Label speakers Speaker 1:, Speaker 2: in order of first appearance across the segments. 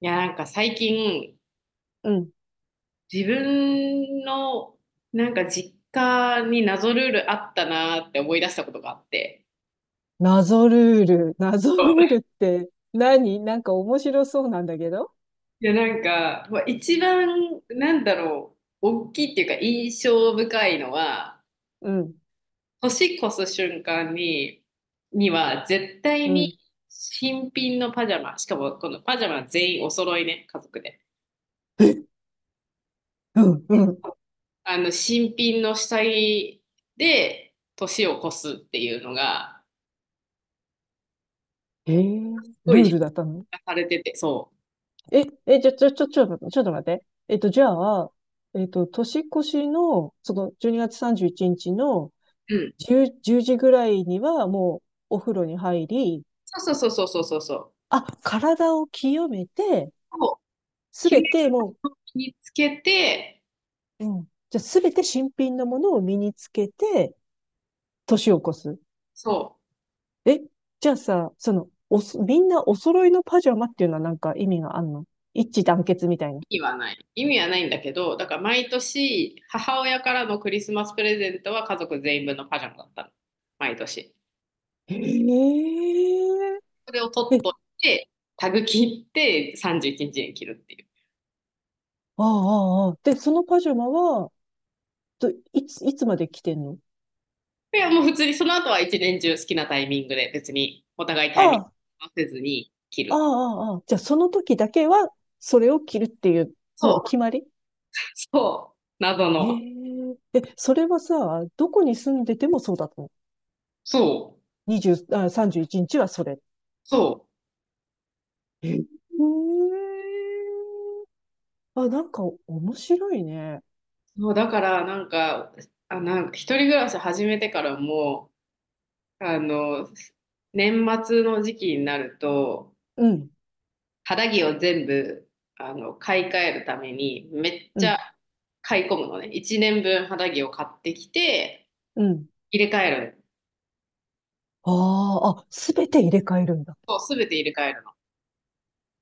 Speaker 1: いや、なんか最近、
Speaker 2: うん。
Speaker 1: 自分のなんか実家に謎ルールあったなって思い出したことがあって。
Speaker 2: 謎ルール。謎ルール って何？なんか面白そうなんだけど。
Speaker 1: いや、なんか、ま、一番なんだろう、おっきいっていうか印象深いのは、
Speaker 2: うん。
Speaker 1: 年越す瞬間には絶対
Speaker 2: う
Speaker 1: に
Speaker 2: ん。
Speaker 1: 新品のパジャマ、しかもこのパジャマ全員お揃いね、家族で。
Speaker 2: うん。うん。
Speaker 1: あの新品の下着で年を越すっていうのが、すご
Speaker 2: ルー
Speaker 1: い
Speaker 2: ルだったの？
Speaker 1: されてて、そ
Speaker 2: ちょっと待って。じゃあ、年越しの、12月31日の
Speaker 1: う。うん。う。
Speaker 2: 10時ぐらいには、もう、お風呂に入り、
Speaker 1: そうそうそうそうそうそう。
Speaker 2: あ、体を清めて、
Speaker 1: そう。
Speaker 2: す
Speaker 1: 綺麗
Speaker 2: べて、も
Speaker 1: を身につけて、
Speaker 2: う、うん。じゃあ、すべて新品のものを身につけて、年を越す。
Speaker 1: そう。
Speaker 2: え、じゃあさ、みんなお揃いのパジャマっていうのはなんか意味があんの？一致団結みたいな。
Speaker 1: 意味はない。意味はないんだけど、だから毎年、母親からのクリスマスプレゼントは家族全員分のパジャマだったの。毎年。
Speaker 2: へえ。
Speaker 1: それを取
Speaker 2: え、
Speaker 1: っといて、タグ切って31日にちに着るっていう。
Speaker 2: ああ、ああ、ああで、そのパジャマは、といつ、いつまで着てんの？
Speaker 1: いや、もう普通にその後は一年中好きなタイミングで別にお互いタイミ
Speaker 2: あ
Speaker 1: ング
Speaker 2: あ、
Speaker 1: 合わせずに切
Speaker 2: あ
Speaker 1: る。
Speaker 2: あ、ああ。じゃあその時だけは、それを着るっていう、
Speaker 1: そ
Speaker 2: もう
Speaker 1: う。
Speaker 2: 決まり？
Speaker 1: そう。謎
Speaker 2: え
Speaker 1: の。
Speaker 2: え。え、それはさ、どこに住んでてもそうだったの？
Speaker 1: そう。
Speaker 2: 20、あ、31日はそれ。
Speaker 1: そう。
Speaker 2: へえ。あ、なんか面白いね。
Speaker 1: そう、だからなんか、あ、なんか一人暮らし始めてからも、あの、年末の時期になると、
Speaker 2: うん。
Speaker 1: 肌着を全部、あの、買い替えるために、めっ
Speaker 2: う
Speaker 1: ち
Speaker 2: ん。
Speaker 1: ゃ買い込むのね。1年分肌着を買ってきて、
Speaker 2: うん。
Speaker 1: 入れ替える。
Speaker 2: あああ、すべて入れ替えるんだ。
Speaker 1: そう、すべて入れ替えるの。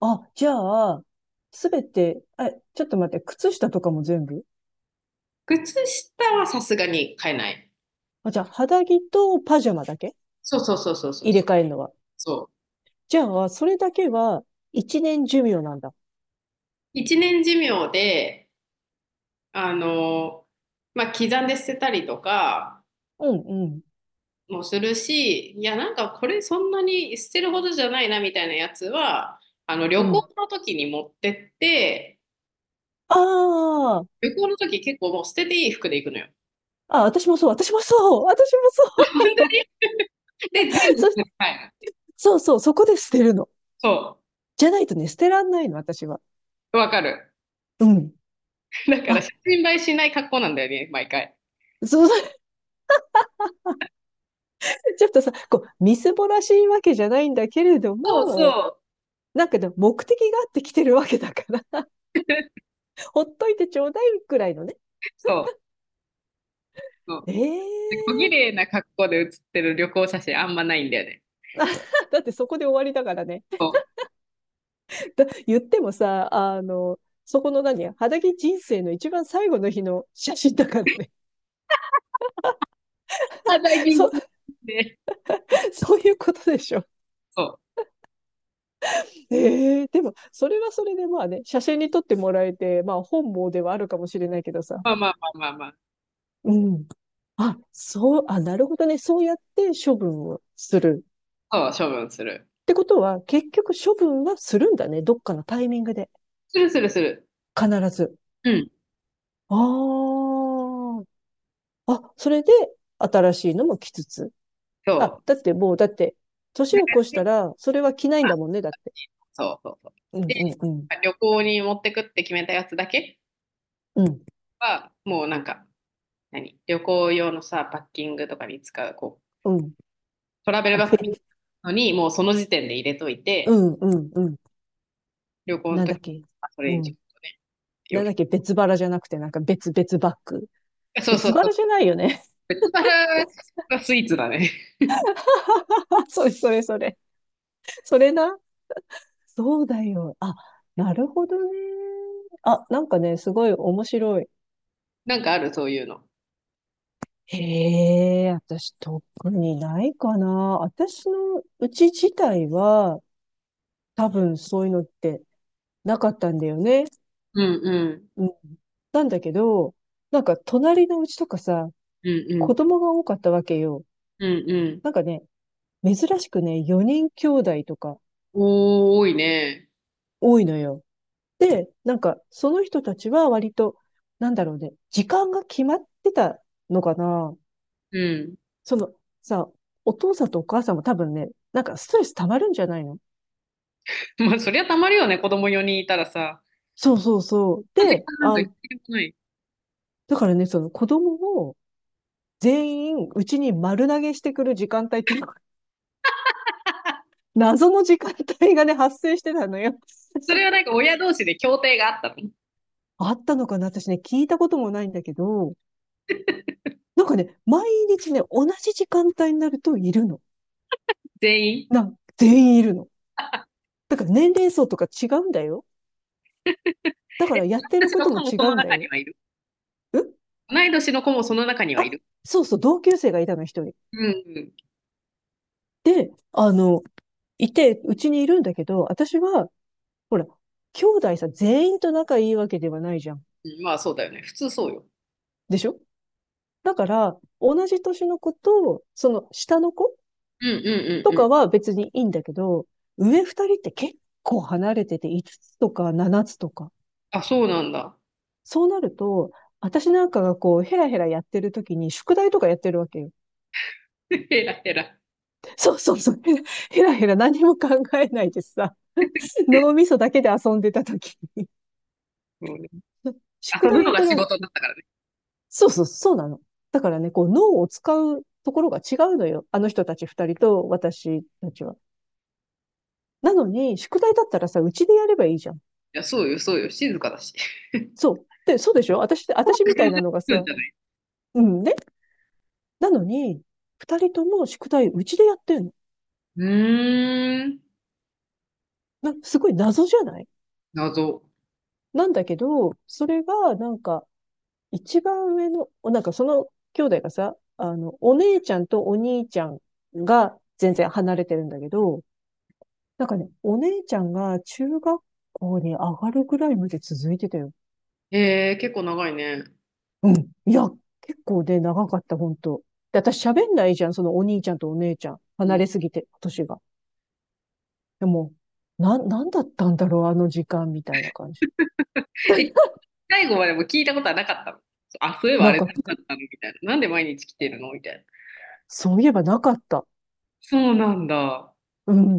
Speaker 2: あ、じゃあ、すべて、え、ちょっと待って、靴下とかも全部？
Speaker 1: 靴下はさすがに買えない。
Speaker 2: あ、じゃあ、肌着とパジャマだけ
Speaker 1: そうそうそうそうそう
Speaker 2: 入れ
Speaker 1: そう。
Speaker 2: 替えるのは。
Speaker 1: そう。
Speaker 2: じゃあ、それだけは一年寿命なんだ。
Speaker 1: 1年寿命で、あの、まあ、刻んで捨てたりとか
Speaker 2: うん、うん、
Speaker 1: もするし、いや、なんかこれそんなに捨てるほどじゃないなみたいなやつは、あの旅
Speaker 2: うん。
Speaker 1: 行の時に持ってって、
Speaker 2: あ
Speaker 1: 旅行の時結構もう捨てていい服で行くのよ。
Speaker 2: ああ、私もそう、私もそう、私もそう。
Speaker 1: で、全部
Speaker 2: そ、
Speaker 1: 捨てて帰る。
Speaker 2: そうそう、そこで捨てるの。
Speaker 1: そ
Speaker 2: じゃないとね、捨てらんないの、私は。
Speaker 1: う、わかる。
Speaker 2: うん。
Speaker 1: だから
Speaker 2: あ、
Speaker 1: 写真映えしない格好なんだよね、毎回。
Speaker 2: そう ちょっとさ、こう、みすぼらしいわけじゃないんだけれど
Speaker 1: そう
Speaker 2: も、
Speaker 1: そう。
Speaker 2: なんかでも目的があって来てるわけだから ほっといてちょうだいくらいのね。
Speaker 1: そうそう。
Speaker 2: え
Speaker 1: で、小綺
Speaker 2: えー
Speaker 1: 麗な格好で写ってる旅行写真あんまないんだよね。
Speaker 2: だってそこで終わりだからね。
Speaker 1: そう。
Speaker 2: だ言ってもさ、そこの何肌着人生の一番最後の日の写真だからね。
Speaker 1: あ、ダイ ビン
Speaker 2: そ、
Speaker 1: グで、
Speaker 2: そういうことでしょ？
Speaker 1: そう。
Speaker 2: ええー、でも、それはそれでまあね、写真に撮ってもらえて、まあ本望ではあるかもしれないけどさ。
Speaker 1: まあまあまあまあ
Speaker 2: うん。あ、そう、あ、なるほどね。そうやって処分をする。
Speaker 1: まあ。そう、処分す
Speaker 2: っ
Speaker 1: る。
Speaker 2: てことは、結局処分はするんだね。どっかのタイミングで。
Speaker 1: するするする。
Speaker 2: 必ず。
Speaker 1: うん、
Speaker 2: ああ、あ、それで新しいのも着つつ。あ、
Speaker 1: そ
Speaker 2: だってもう、だって、年
Speaker 1: う。
Speaker 2: を越したら、それは着ないんだもんね、だって。
Speaker 1: そうそうそう。
Speaker 2: うん、
Speaker 1: で、
Speaker 2: うん、うん。
Speaker 1: 旅行に持ってくって決めたやつだけ
Speaker 2: うん、
Speaker 1: は、もうなんか、何旅行用のさ、パッキングとかに使う、こ
Speaker 2: うん。
Speaker 1: う、トラベル
Speaker 2: こ
Speaker 1: バ
Speaker 2: う
Speaker 1: ッグ
Speaker 2: べ
Speaker 1: のに、もうその時点で入れとい
Speaker 2: う
Speaker 1: て、
Speaker 2: ん、うん、うん。
Speaker 1: 旅行の
Speaker 2: なん
Speaker 1: 時
Speaker 2: だっけ。
Speaker 1: はそれに
Speaker 2: う
Speaker 1: ちょ
Speaker 2: ん。
Speaker 1: っとね、
Speaker 2: な
Speaker 1: 洋
Speaker 2: んだっ
Speaker 1: 服。
Speaker 2: け、別腹じゃなくて、なんか別々バッグ。
Speaker 1: そうそ
Speaker 2: 別
Speaker 1: うそう。
Speaker 2: 腹じゃないよね。
Speaker 1: 別腹がスイーツだね。
Speaker 2: それ、それ、それ。それな。そうだよ。あ、なるほどね。あ、なんかね、すごい面白い。
Speaker 1: なんかある、そういうの。
Speaker 2: へえ、私特にないかな。私のうち自体は多分そういうのってなかったんだよね。
Speaker 1: うんうん。
Speaker 2: うん。なんだけど、なんか隣のうちとかさ、
Speaker 1: うんう
Speaker 2: 子
Speaker 1: ん。
Speaker 2: 供が多かったわけよ。
Speaker 1: うんうん。
Speaker 2: なんかね、珍しくね、4人兄弟とか
Speaker 1: おー、多いね。
Speaker 2: 多いのよ。で、なんかその人たちは割と、なんだろうね、時間が決まってたのかな。
Speaker 1: うん。
Speaker 2: そのさ、お父さんとお母さんも多分ね、なんかストレス溜まるんじゃないの？
Speaker 1: まあ、そりゃたまるよね、子供4人いたらさ。
Speaker 2: そうそうそう。
Speaker 1: そんな時
Speaker 2: で、
Speaker 1: 間なんか
Speaker 2: あ、
Speaker 1: 必要ない。
Speaker 2: だからね、その子供を全員うちに丸投げしてくる時間帯っていうのが、謎の時間帯がね、発生してたのよ。
Speaker 1: それはなん か親同士で協定があったの。
Speaker 2: あったのかな私ね、聞いたこともないんだけど、なんかね、毎日ね、同じ時間帯になるといるの。
Speaker 1: 全員？
Speaker 2: 全員いるの。だから年齢層とか違うんだよ。だか
Speaker 1: え、
Speaker 2: らやって
Speaker 1: 私
Speaker 2: る
Speaker 1: たち
Speaker 2: こ
Speaker 1: の
Speaker 2: と
Speaker 1: 子
Speaker 2: も
Speaker 1: も
Speaker 2: 違
Speaker 1: その
Speaker 2: うんだ
Speaker 1: 中に
Speaker 2: よ。
Speaker 1: はいる。
Speaker 2: ん。
Speaker 1: 同い年の子もその中には
Speaker 2: あ、
Speaker 1: いる。
Speaker 2: そうそう、同級生がいたの、一人。
Speaker 1: うんうん
Speaker 2: で、いて、うちにいるんだけど、私はほら、兄弟さ、全員と仲いいわけではないじゃん。
Speaker 1: うん。まあそうだよね。普通そうよ。
Speaker 2: でしょ？だから、同じ年の子と、その下の子
Speaker 1: うんうんう
Speaker 2: と
Speaker 1: んうん。
Speaker 2: かは別にいいんだけど、上二人って結構離れてて、5つつとか7つとか。
Speaker 1: あ、そうなんだ。
Speaker 2: そうなると、私なんかがこう、ヘラヘラやってる時に、宿題とかやってるわけよ。
Speaker 1: ヘらヘら。
Speaker 2: そうそうそう。ヘラヘラヘラ何も考えないでさ、脳みそだけで遊んでた時に、
Speaker 1: そうね、
Speaker 2: 宿
Speaker 1: 遊ぶ
Speaker 2: 題や
Speaker 1: の
Speaker 2: っ
Speaker 1: が
Speaker 2: てる
Speaker 1: 仕
Speaker 2: わ。
Speaker 1: 事だったからね。
Speaker 2: そうそう、そうなの。だからね、こう、脳を使うところが違うのよ。あの人たち二人と私たちは。なのに、宿題だったらさ、うちでやればいいじゃん。
Speaker 1: いや、そうよ、そうよ。静かだし。
Speaker 2: そう。で、そうでしょ？私、私みたいなのが
Speaker 1: うん
Speaker 2: さ、
Speaker 1: じゃない？
Speaker 2: うんね。なのに、二人とも宿題うちでやってんの。
Speaker 1: うーん。
Speaker 2: すごい謎じゃない？
Speaker 1: 謎。
Speaker 2: なんだけど、それが、なんか、一番上の、なんかその兄弟がさ、お姉ちゃんとお兄ちゃんが全然離れてるんだけど、なんかね、お姉ちゃんが中学校に上がるぐらいまで続いてたよ。
Speaker 1: へえー、結構長いね。
Speaker 2: うん。いや、結構ね、長かった、本当で、私喋んないじゃん、そのお兄ちゃんとお姉ちゃん。
Speaker 1: う
Speaker 2: 離
Speaker 1: ん、
Speaker 2: れすぎて、年が。でも、なんだったんだろう、あの時間みたいな感じ。
Speaker 1: え、最後までも聞いたことはなかったの。あ、そういえばあ
Speaker 2: な
Speaker 1: れ
Speaker 2: かった。
Speaker 1: 何だったのみたいな。なんで毎日来てるのみたいな。
Speaker 2: そういえばなかった。
Speaker 1: そうなんだ。
Speaker 2: うん。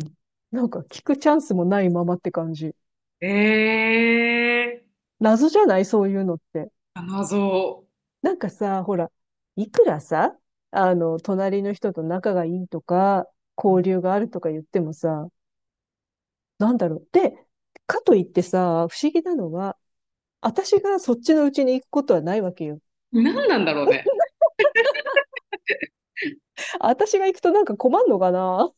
Speaker 2: なんか聞くチャンスもないままって感じ。
Speaker 1: ええー。
Speaker 2: 謎じゃない？そういうのって。
Speaker 1: あ、謎。
Speaker 2: なんかさ、ほら、いくらさ、隣の人と仲がいいとか、交流があるとか言ってもさ、なんだろう。で、かといってさ、不思議なのは、私がそっちのうちに行くことはないわけよ。
Speaker 1: 何なんだろうね。
Speaker 2: 私が行くとなんか困んのかな？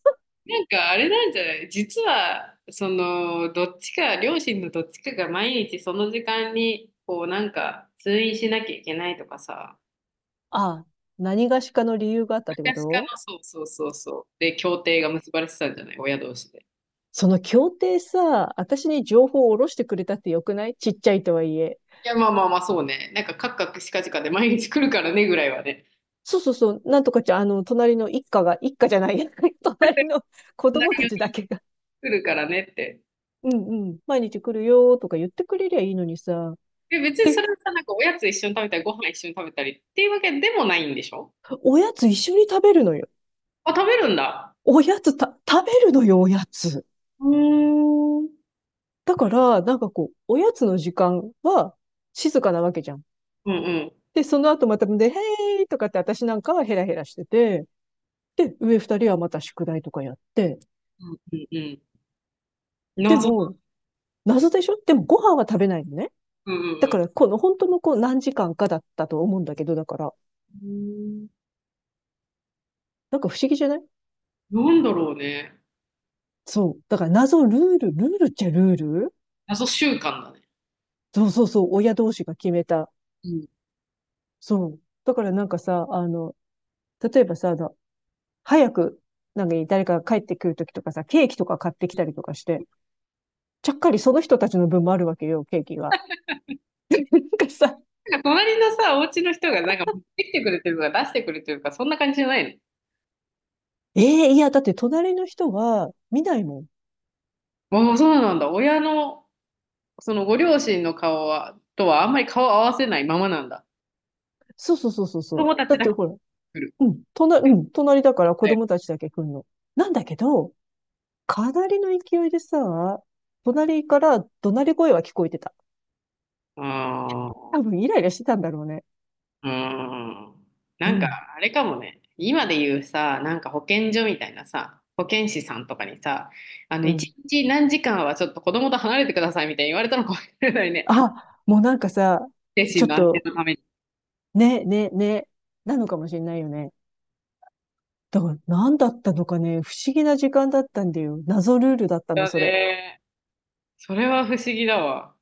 Speaker 1: なんかあれなんじゃない？実はそのどっちか、両親のどっちかが毎日その時間にこうなんか通院しなきゃいけないとかさ、
Speaker 2: あ、何がしかの理由があったってこ
Speaker 1: 昔から
Speaker 2: と？
Speaker 1: の。そうそうそうそう、で協定が結ばれてたんじゃない、親同士で。
Speaker 2: その協定さ、私に情報を下ろしてくれたってよくない？ちっちゃいとはいえ。
Speaker 1: いやまあまあまあ、そうね、なんかカクカクしかじかで毎日来るからねぐらいはね。
Speaker 2: そうそうそう、なんとかちゃん、隣の一家が、一家じゃない、隣の子
Speaker 1: 隣
Speaker 2: 供たちだ
Speaker 1: に
Speaker 2: けが、
Speaker 1: 来るからねって。
Speaker 2: うんうん、毎日来るよーとか言ってくれりゃいいのにさ。
Speaker 1: で、別に
Speaker 2: で、
Speaker 1: それはさ、なんかおやつ一緒に食べたりご飯一緒に食べたりっていうわけでもないんでしょ？
Speaker 2: おやつ一緒に食べるのよ。
Speaker 1: あ、食べるんだ。
Speaker 2: おやつ食べるのよ、おやつ。
Speaker 1: うーん。うん
Speaker 2: だから、なんかこう、おやつの時間は静かなわけじゃん。
Speaker 1: うん
Speaker 2: で、その後またで、へーいとかって私なんかはヘラヘラしてて、で、上二人はまた宿題とかやって、
Speaker 1: うんうんうん。
Speaker 2: で
Speaker 1: 謎。
Speaker 2: も、謎でしょ？でもご飯は食べないのね。
Speaker 1: うんう
Speaker 2: だか
Speaker 1: ん
Speaker 2: ら、この本当のこう何時間かだったと思うんだけど、だから、
Speaker 1: うん。
Speaker 2: なんか不思議じゃない？
Speaker 1: うん。なんだろうね。
Speaker 2: そう。だから謎ルール、ルールっちゃルール。
Speaker 1: 謎習慣だね。
Speaker 2: そうそうそう、親同士が決めた。
Speaker 1: うん。
Speaker 2: そう。だからなんかさ、例えばさ、早く、なんかね誰かが帰ってくるときとかさ、ケーキとか買ってきたりとかして、ちゃっかりその人たちの分もあるわけよ、ケーキが。なんかさ、
Speaker 1: なんか隣のさ、お家の人がなんか持ってきてくれてるとか出してくれてるとか、そんな感じじゃない
Speaker 2: ええーいや、だって隣の人は見ないもん。
Speaker 1: の？ああ、そうなんだ。親の、そのご両親の顔はとはあんまり顔を合わせないままなんだ。
Speaker 2: そうそうそうそうそ
Speaker 1: 子
Speaker 2: う。
Speaker 1: 供た
Speaker 2: だ
Speaker 1: ち
Speaker 2: っ
Speaker 1: だ
Speaker 2: て
Speaker 1: け
Speaker 2: ほら、
Speaker 1: 来る。
Speaker 2: うん、隣、うん、隣だから子
Speaker 1: はい。
Speaker 2: 供たちだけ来んの。なんだけど、かなりの勢いでさ、隣から怒鳴り声は聞こえてた。
Speaker 1: あ
Speaker 2: 多
Speaker 1: あ。
Speaker 2: 分イライラしてたんだろうね。
Speaker 1: うーん。
Speaker 2: う
Speaker 1: なんか、
Speaker 2: ん、
Speaker 1: あれかもね。今で言うさ、なんか保健所みたいなさ、保健師さんとかにさ、あの、
Speaker 2: うん。
Speaker 1: 一日何時間はちょっと子供と離れてくださいみたいに言われたのかもしれないね。
Speaker 2: あ、もうなんかさ、
Speaker 1: 精
Speaker 2: ち
Speaker 1: 神
Speaker 2: ょっ
Speaker 1: の安定
Speaker 2: と、
Speaker 1: のために。
Speaker 2: ね、ね、ね、なのかもしれないよね。だから何だったのかね、不思議な時間だったんだよ。謎ルールだったの、
Speaker 1: だ
Speaker 2: それ。
Speaker 1: ね。それは不思議だわ。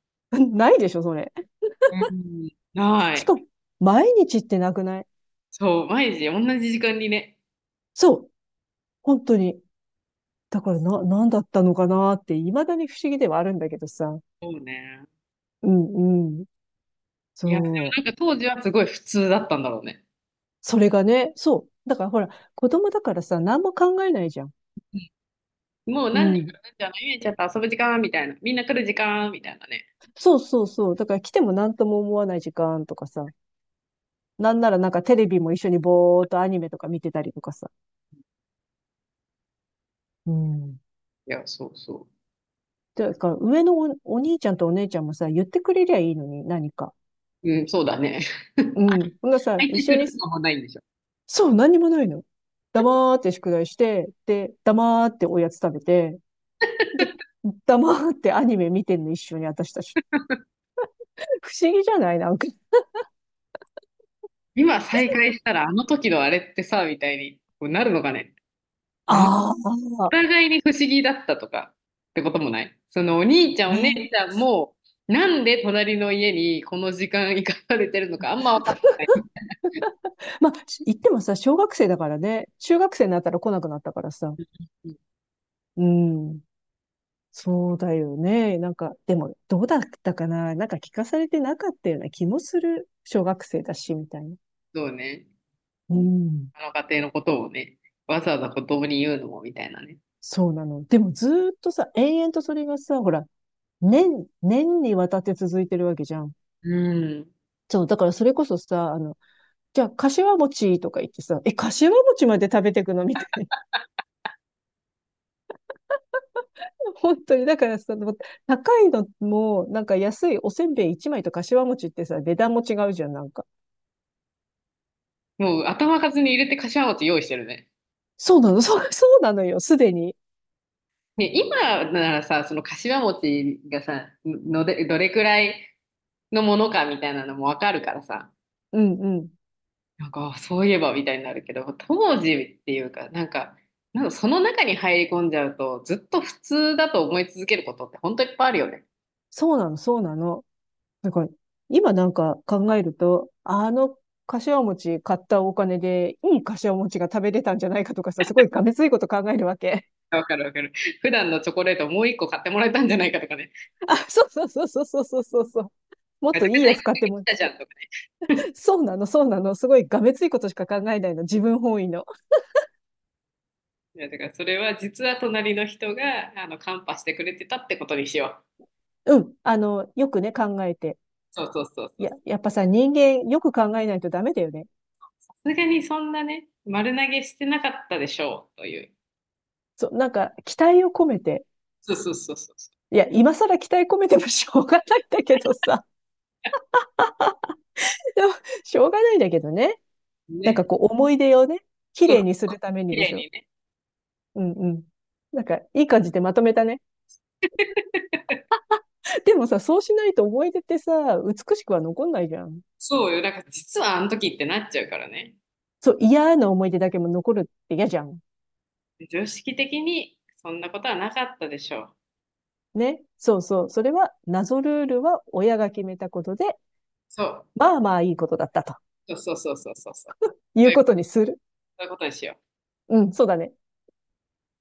Speaker 2: ないでしょ、それ。
Speaker 1: うん。な
Speaker 2: しか
Speaker 1: い。
Speaker 2: も、毎日ってなくない？
Speaker 1: そう、毎日同じ時間にね。
Speaker 2: そう、本当に。だからな、何だったのかなって、未だに不思議ではあるんだけどさ。
Speaker 1: そうね。
Speaker 2: うん、うん。
Speaker 1: いや、で
Speaker 2: そう。
Speaker 1: もなんか当時はすごい普通だったんだろうね。
Speaker 2: それがね、そう。だからほら、子供だからさ、何も考えないじゃん。
Speaker 1: もう
Speaker 2: う
Speaker 1: 何時か
Speaker 2: ん。
Speaker 1: ら何時あの、ゆちゃんと遊ぶ時間みたいな、みんな来る時間みたいなね。
Speaker 2: そうそうそう。だから来ても何とも思わない時間とかさ。なんならなんかテレビも一緒にぼーっとアニメとか見てたりとかさ。うん。
Speaker 1: いや、そうそ
Speaker 2: ていうか、上のお兄ちゃんとお姉ちゃんもさ、言ってくれりゃいいのに、何か。
Speaker 1: う。うん、そうだね。
Speaker 2: う ん。ほんならさ、
Speaker 1: 再
Speaker 2: 一
Speaker 1: 開
Speaker 2: 緒
Speaker 1: す
Speaker 2: に、
Speaker 1: るとかもないんでしょ。
Speaker 2: そう、何にもないの。黙って宿題して、で、黙っておやつ食べて、で、黙ってアニメ見てんの、一緒に私たち。不思議じゃない？なんか。
Speaker 1: 今再開したらあの時のあれってさ、みたいにこうなるのかね。なんか
Speaker 2: あ
Speaker 1: お
Speaker 2: あ、
Speaker 1: 互いに不思議だったとかってこともない。そのお兄ちゃんお姉
Speaker 2: ね。
Speaker 1: ちゃんも、なんで隣の家にこの時間行かされてるのかあんま分かっ
Speaker 2: まあ、言ってもさ、小学生だからね、中学生になったら来なくなったからさ。
Speaker 1: てない。
Speaker 2: うん。そうだよね。なんか、でも、どうだったかななんか聞かされてなかったような気もする。小学生だし、みたいな。
Speaker 1: そうね。
Speaker 2: うん。
Speaker 1: あの家庭のことをね、わざわざ子供に言うのもみたいなね。
Speaker 2: そうなの。でも、ずーっとさ、延々とそれがさ、ほら、年にわたって続いてるわけじゃん。
Speaker 1: うん。
Speaker 2: そう、だからそれこそさ、じゃあ、柏餅とか言ってさ、え、柏餅まで食べてくのみたいな。本当に、だからさ、高いのも、なんか安いおせんべい1枚と柏餅ってさ、値段も違うじゃん、なんか。
Speaker 1: もう頭数に入れて柏餅用意してるね。
Speaker 2: そうなの、そう、そうなのよ、すでに。
Speaker 1: ね、今ならさ、その柏餅がさ、のでどれくらいのものかみたいなのも分かるからさ、
Speaker 2: うんうん。
Speaker 1: なんかそういえばみたいになるけど、当時っていうか、なんかその中に入り込んじゃうとずっと普通だと思い続けることって本当いっぱいあるよね。
Speaker 2: そうなの、そうなの。なんか今なんか考えると、柏餅買ったお金で、いい柏餅が食べれたんじゃないかとかさ、すごいがめついこと考えるわけ。
Speaker 1: わかるわかる。普段のチョコレートもう一個買ってもらえたんじゃないかとかね。
Speaker 2: あ、そうそうそうそうそうそうそうそう。もっ
Speaker 1: ガ
Speaker 2: と
Speaker 1: チャ
Speaker 2: いい
Speaker 1: ガチ
Speaker 2: や
Speaker 1: ャ
Speaker 2: つ買って
Speaker 1: 来
Speaker 2: も、
Speaker 1: たじゃんとかね。
Speaker 2: そうなの、そうなの。すごいがめついことしか考えないの。自分本位の。
Speaker 1: だからそれは実は隣の人があのカンパしてくれてたってことにしよう。
Speaker 2: うん。よくね、考えて。
Speaker 1: そうそうそうそ
Speaker 2: い
Speaker 1: う。
Speaker 2: や、
Speaker 1: さ
Speaker 2: やっぱさ、人間、よく考えないとダメだよね。
Speaker 1: すがにそんなね、丸投げしてなかったでしょうという。
Speaker 2: そう、なんか、期待を込めて。
Speaker 1: そうそうそうそ
Speaker 2: いや、今更期待込めてもしょうがないんだけどさ。でもしょうがないんだけどね。
Speaker 1: う。
Speaker 2: なん
Speaker 1: ね。
Speaker 2: かこう思い出をね、綺
Speaker 1: そ
Speaker 2: 麗
Speaker 1: う、
Speaker 2: にするため
Speaker 1: 綺
Speaker 2: にで
Speaker 1: 麗
Speaker 2: しょ？
Speaker 1: にね。
Speaker 2: うんうん。なんかいい感じでまとめたね。でもさ、そうしないと思い出ってさ、美しくは残んないじゃん。
Speaker 1: そうよ。だから実はあの時ってなっちゃうからね。
Speaker 2: そう、嫌な思い出だけも残るって嫌じゃん。
Speaker 1: 常識的にそんなことはなかったでしょう。
Speaker 2: ね。そうそう。それは謎ルールは親が決めたことで、
Speaker 1: そう。
Speaker 2: まあまあいいことだったと
Speaker 1: そうそうそうそうそうそう。
Speaker 2: いうこ
Speaker 1: そ
Speaker 2: とにする。
Speaker 1: ういうことにしよう。
Speaker 2: うん、そうだね。